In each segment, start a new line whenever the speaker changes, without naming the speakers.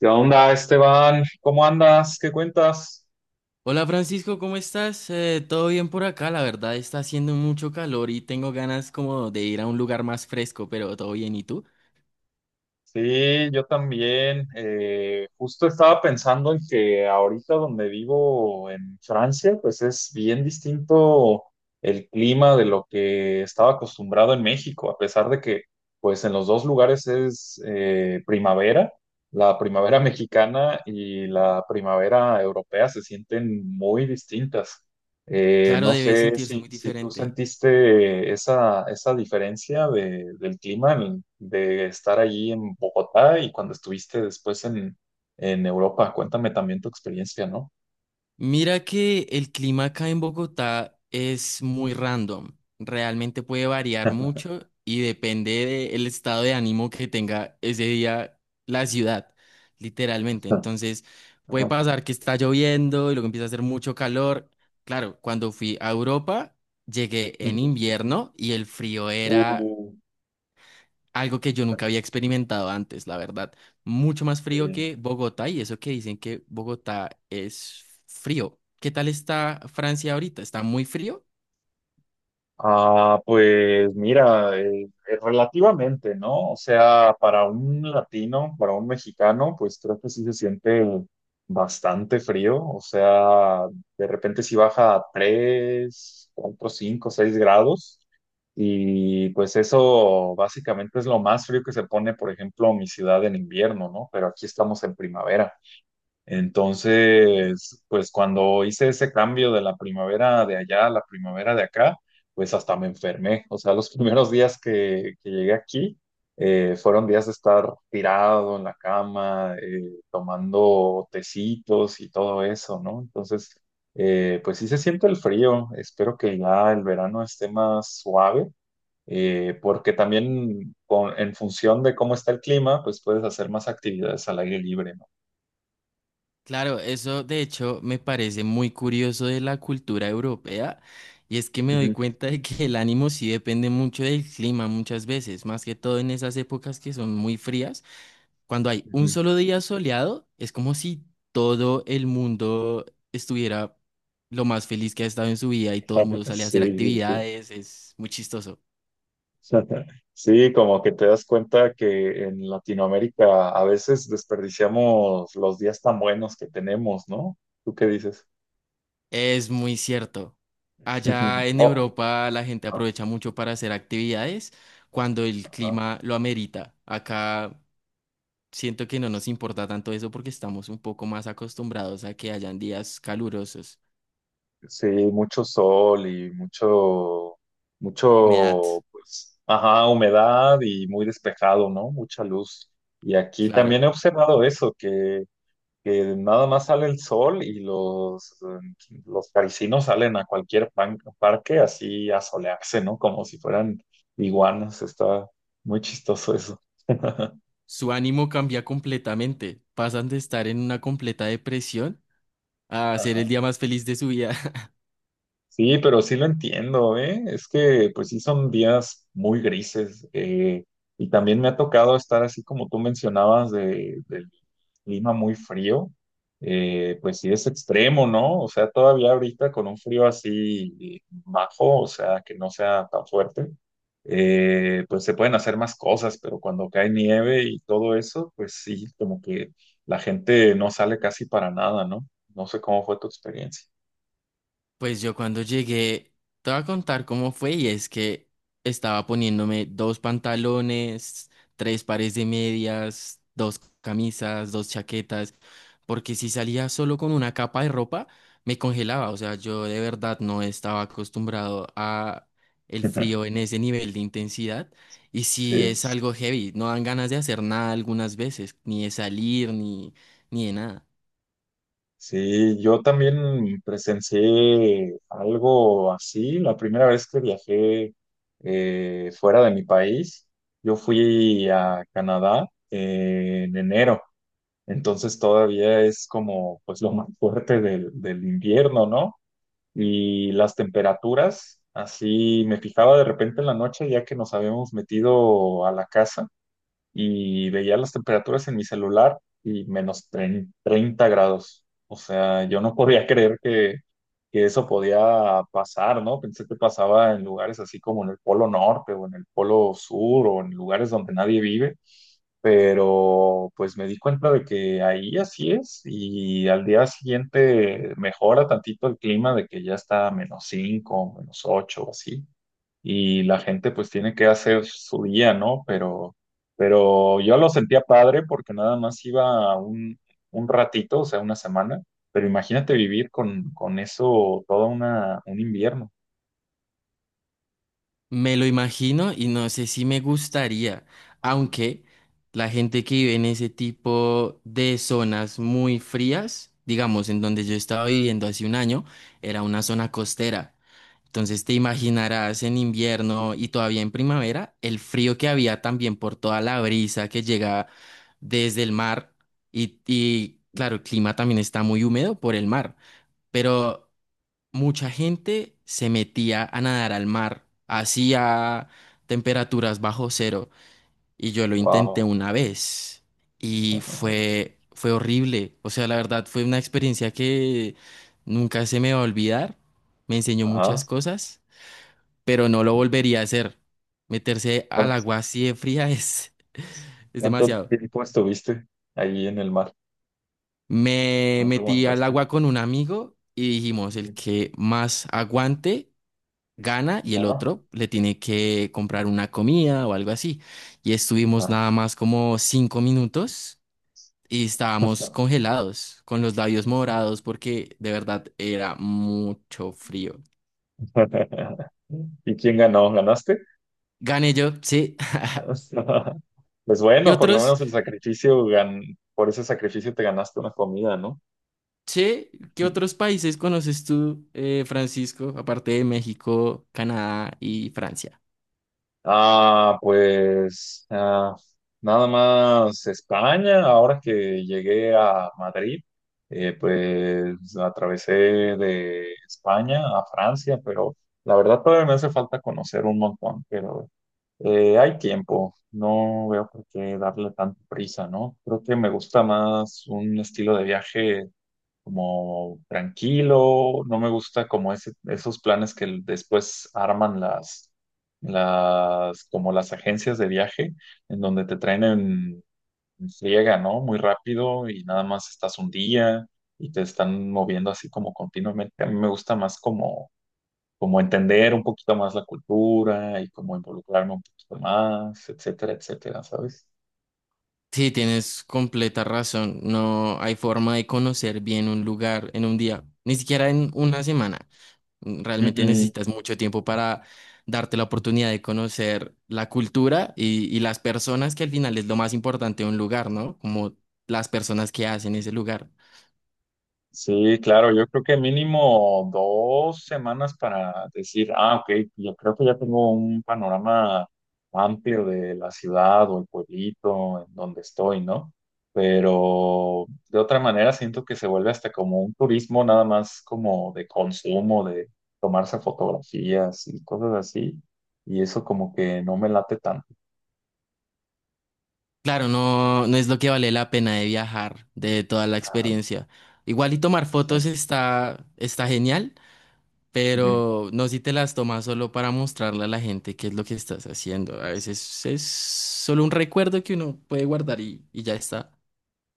¿Qué onda, Esteban? ¿Cómo andas? ¿Qué cuentas?
Hola Francisco, ¿cómo estás? Todo bien por acá, la verdad está haciendo mucho calor y tengo ganas como de ir a un lugar más fresco, pero todo bien, ¿y tú?
Sí, yo también. Justo estaba pensando en que ahorita donde vivo en Francia, pues es bien distinto el clima de lo que estaba acostumbrado en México, a pesar de que pues en los dos lugares es primavera. La primavera mexicana y la primavera europea se sienten muy distintas.
Claro,
No
debe
sé
sentirse
si,
muy
si tú
diferente.
sentiste esa diferencia del clima de estar allí en Bogotá y cuando estuviste después en Europa. Cuéntame también tu experiencia, ¿no?
Mira que el clima acá en Bogotá es muy random. Realmente puede variar mucho y depende del estado de ánimo que tenga ese día la ciudad, literalmente.
Ajá.
Entonces, puede pasar que está lloviendo y luego empieza a hacer mucho calor. Claro, cuando fui a Europa, llegué en
Ujú.
invierno y el frío era
Uh,
algo que yo nunca había experimentado antes, la verdad. Mucho más frío
eh,
que Bogotá y eso que dicen que Bogotá es frío. ¿Qué tal está Francia ahorita? ¿Está muy frío?
Ah, pues mira, relativamente, ¿no? O sea, para un latino, para un mexicano, pues creo que sí se siente bastante frío. O sea, de repente sí baja a 3, 4, 5, 6 grados. Y pues eso básicamente es lo más frío que se pone, por ejemplo, mi ciudad en invierno, ¿no? Pero aquí estamos en primavera. Entonces, pues cuando hice ese cambio de la primavera de allá a la primavera de acá, pues hasta me enfermé. O sea, los primeros días que llegué aquí fueron días de estar tirado en la cama, tomando tecitos y todo eso, ¿no? Entonces, pues sí se siente el frío. Espero que ya el verano esté más suave. Porque también en función de cómo está el clima, pues puedes hacer más actividades al aire libre, ¿no?
Claro, eso de hecho me parece muy curioso de la cultura europea y es que me doy
Ujú,
cuenta de que el ánimo sí depende mucho del clima muchas veces, más que todo en esas épocas que son muy frías. Cuando hay un
ujú.
solo día soleado, es como si todo el mundo estuviera lo más feliz que ha estado en su vida y todo el mundo
Sí,
sale a hacer
sí, sí.
actividades, es muy chistoso.
Sí, como que te das cuenta que en Latinoamérica a veces desperdiciamos los días tan buenos que tenemos, ¿no? ¿Tú qué dices?
Es muy cierto. Allá en
Oh,
Europa la gente
ah,
aprovecha mucho para hacer actividades cuando el
ah. Ah.
clima lo amerita. Acá siento que no nos importa tanto eso porque estamos un poco más acostumbrados a que hayan días calurosos,
Sí, mucho sol y mucho,
humedad,
mucho, pues, ajá, humedad y muy despejado, ¿no? Mucha luz. Y aquí
claro.
también he observado eso, que nada más sale el sol y los parisinos salen a cualquier parque así a solearse, ¿no? Como si fueran iguanas. Está muy chistoso eso.
Su ánimo cambia completamente. Pasan de estar en una completa depresión a ser el día más feliz de su vida.
Sí, pero sí lo entiendo, ¿eh? Es que pues sí son días muy grises y también me ha tocado estar así como tú mencionabas del clima muy frío, pues sí es extremo, ¿no? O sea, todavía ahorita con un frío así bajo, o sea, que no sea tan fuerte, pues se pueden hacer más cosas, pero cuando cae nieve y todo eso, pues sí, como que la gente no sale casi para nada, ¿no? No sé cómo fue tu experiencia.
Pues yo cuando llegué, te voy a contar cómo fue y es que estaba poniéndome dos pantalones, tres pares de medias, dos camisas, dos chaquetas, porque si salía solo con una capa de ropa, me congelaba, o sea, yo de verdad no estaba acostumbrado a el frío en ese nivel de intensidad y si
Sí.
es algo heavy, no dan ganas de hacer nada algunas veces, ni de salir, ni de nada.
Sí, yo también presencié algo así. La primera vez que viajé fuera de mi país, yo fui a Canadá en enero. Entonces todavía es como pues lo más fuerte del invierno, ¿no? Y las temperaturas, así me fijaba de repente en la noche ya que nos habíamos metido a la casa y veía las temperaturas en mi celular y menos 30 grados. O sea, yo no podía creer que eso podía pasar, ¿no? Pensé que pasaba en lugares así como en el Polo Norte o en el Polo Sur o en lugares donde nadie vive, pero pues me di cuenta de que ahí así es y al día siguiente mejora tantito el clima de que ya está a menos 5 menos 8 o así y la gente pues tiene que hacer su día, ¿no? Pero yo lo sentía padre porque nada más iba un ratito, o sea, una semana, pero imagínate vivir con eso todo una, un invierno.
Me lo imagino y no sé si me gustaría, aunque la gente que vive en ese tipo de zonas muy frías, digamos, en donde yo estaba viviendo hace un año, era una zona costera. Entonces te imaginarás en invierno y todavía en primavera el frío que había también por toda la brisa que llega desde el mar y claro, el clima también está muy húmedo por el mar, pero mucha gente se metía a nadar al mar, así a temperaturas bajo cero, y yo lo intenté
Wow.
una vez y fue horrible, o sea, la verdad fue una experiencia que nunca se me va a olvidar, me enseñó
Ajá.
muchas cosas, pero no lo volvería a hacer. Meterse al
¿Cuán-
agua así de fría es es
¿Cuánto
demasiado.
tiempo estuviste ahí en el mar?
Me
¿No te
metí al
aguantaste?
agua con un amigo y dijimos, el
Ujú.
que más aguante gana y el
Ah,
otro le tiene que comprar una comida o algo así. Y estuvimos
ah.
nada más como 5 minutos y estábamos congelados, con los labios morados, porque de verdad era mucho frío.
¿Y quién ganó? ¿Ganaste?
Gané yo, sí.
O sea, pues
¿Qué
bueno, por lo
otros,
menos el sacrificio, por ese sacrificio te ganaste una comida, ¿no?
che, qué otros países conoces tú, Francisco, aparte de México, Canadá y Francia?
Ah, pues ah, nada más España, ahora que llegué a Madrid, pues atravesé de España a Francia, pero la verdad todavía me hace falta conocer un montón, pero hay tiempo, no veo por qué darle tanta prisa, ¿no? Creo que me gusta más un estilo de viaje como tranquilo, no me gusta como ese, esos planes que después arman como las agencias de viaje, en donde te traen en friega, ¿no? Muy rápido y nada más estás un día y te están moviendo así como continuamente. A mí me gusta más como, como entender un poquito más la cultura y como involucrarme un poquito más, etcétera, etcétera, ¿sabes?
Sí, tienes completa razón. No hay forma de conocer bien un lugar en un día, ni siquiera en una semana. Realmente necesitas mucho tiempo para darte la oportunidad de conocer la cultura y las personas, que al final es lo más importante de un lugar, ¿no? Como las personas que hacen ese lugar.
Sí, claro, yo creo que mínimo dos semanas para decir, ah, ok, yo creo que ya tengo un panorama amplio de la ciudad o el pueblito en donde estoy, ¿no? Pero de otra manera siento que se vuelve hasta como un turismo nada más como de consumo, de tomarse fotografías y cosas así, y eso como que no me late tanto.
Claro, no, no es lo que vale la pena de viajar, de toda la
Ajá,
experiencia. Igual y tomar fotos está genial,
sí.
pero no si te las tomas solo para mostrarle a la gente qué es lo que estás haciendo. A veces es solo un recuerdo que uno puede guardar y ya está.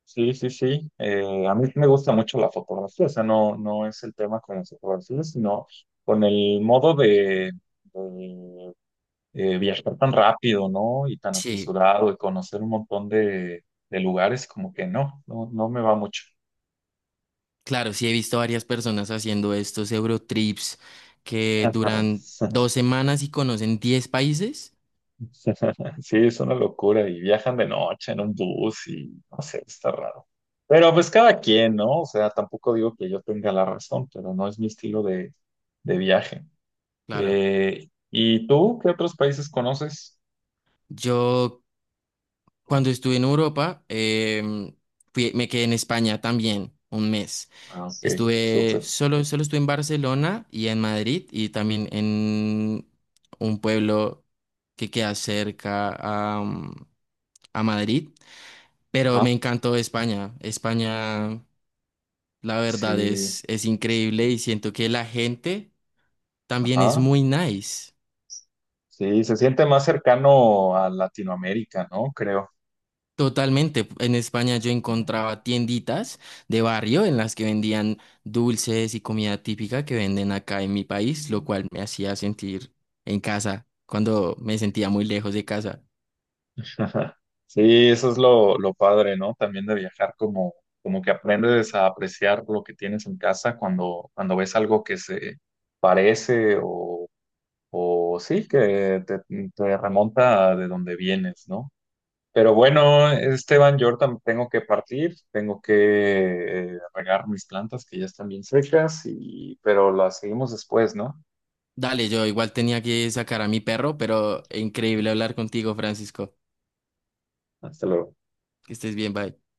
Sí, sí, sí. A mí me gusta mucho la fotografía, o sea, no, no es el tema con la fotografía, sino con el modo de, viajar tan rápido, ¿no? Y tan
Sí.
apresurado y conocer un montón de lugares, como que no, no, no me va mucho.
Claro, sí he visto varias personas haciendo estos Eurotrips que
Ajá.
duran 2 semanas y conocen 10 países.
Sí, es una locura y viajan de noche en un bus y no sé, está raro. Pero pues cada quien, ¿no? O sea, tampoco digo que yo tenga la razón, pero no es mi estilo de viaje.
Claro,
¿Y tú qué otros países conoces?
yo cuando estuve en Europa, me quedé en España también un mes.
Ah, ok,
Estuve,
súper.
solo estuve en Barcelona y en Madrid y también en un pueblo que queda cerca a Madrid, pero
Ajá.
me encantó España. La verdad
Sí,
es increíble y siento que la gente también es
ajá.
muy nice.
Sí, se siente más cercano a Latinoamérica, ¿no? Creo.
Totalmente. En España yo encontraba tienditas de barrio en las que vendían dulces y comida típica que venden acá en mi país, lo cual me hacía sentir en casa cuando me sentía muy lejos de casa.
Sí, eso es lo padre, ¿no? También de viajar, como, como que aprendes a apreciar lo que tienes en casa cuando, cuando ves algo que se parece o sí, que te remonta de donde vienes, ¿no? Pero bueno, Esteban, yo ahorita tengo que partir, tengo que regar mis plantas que ya están bien secas y pero las seguimos después, ¿no?
Dale, yo igual tenía que sacar a mi perro, pero increíble hablar contigo, Francisco.
Hasta luego.
Que estés bien, bye.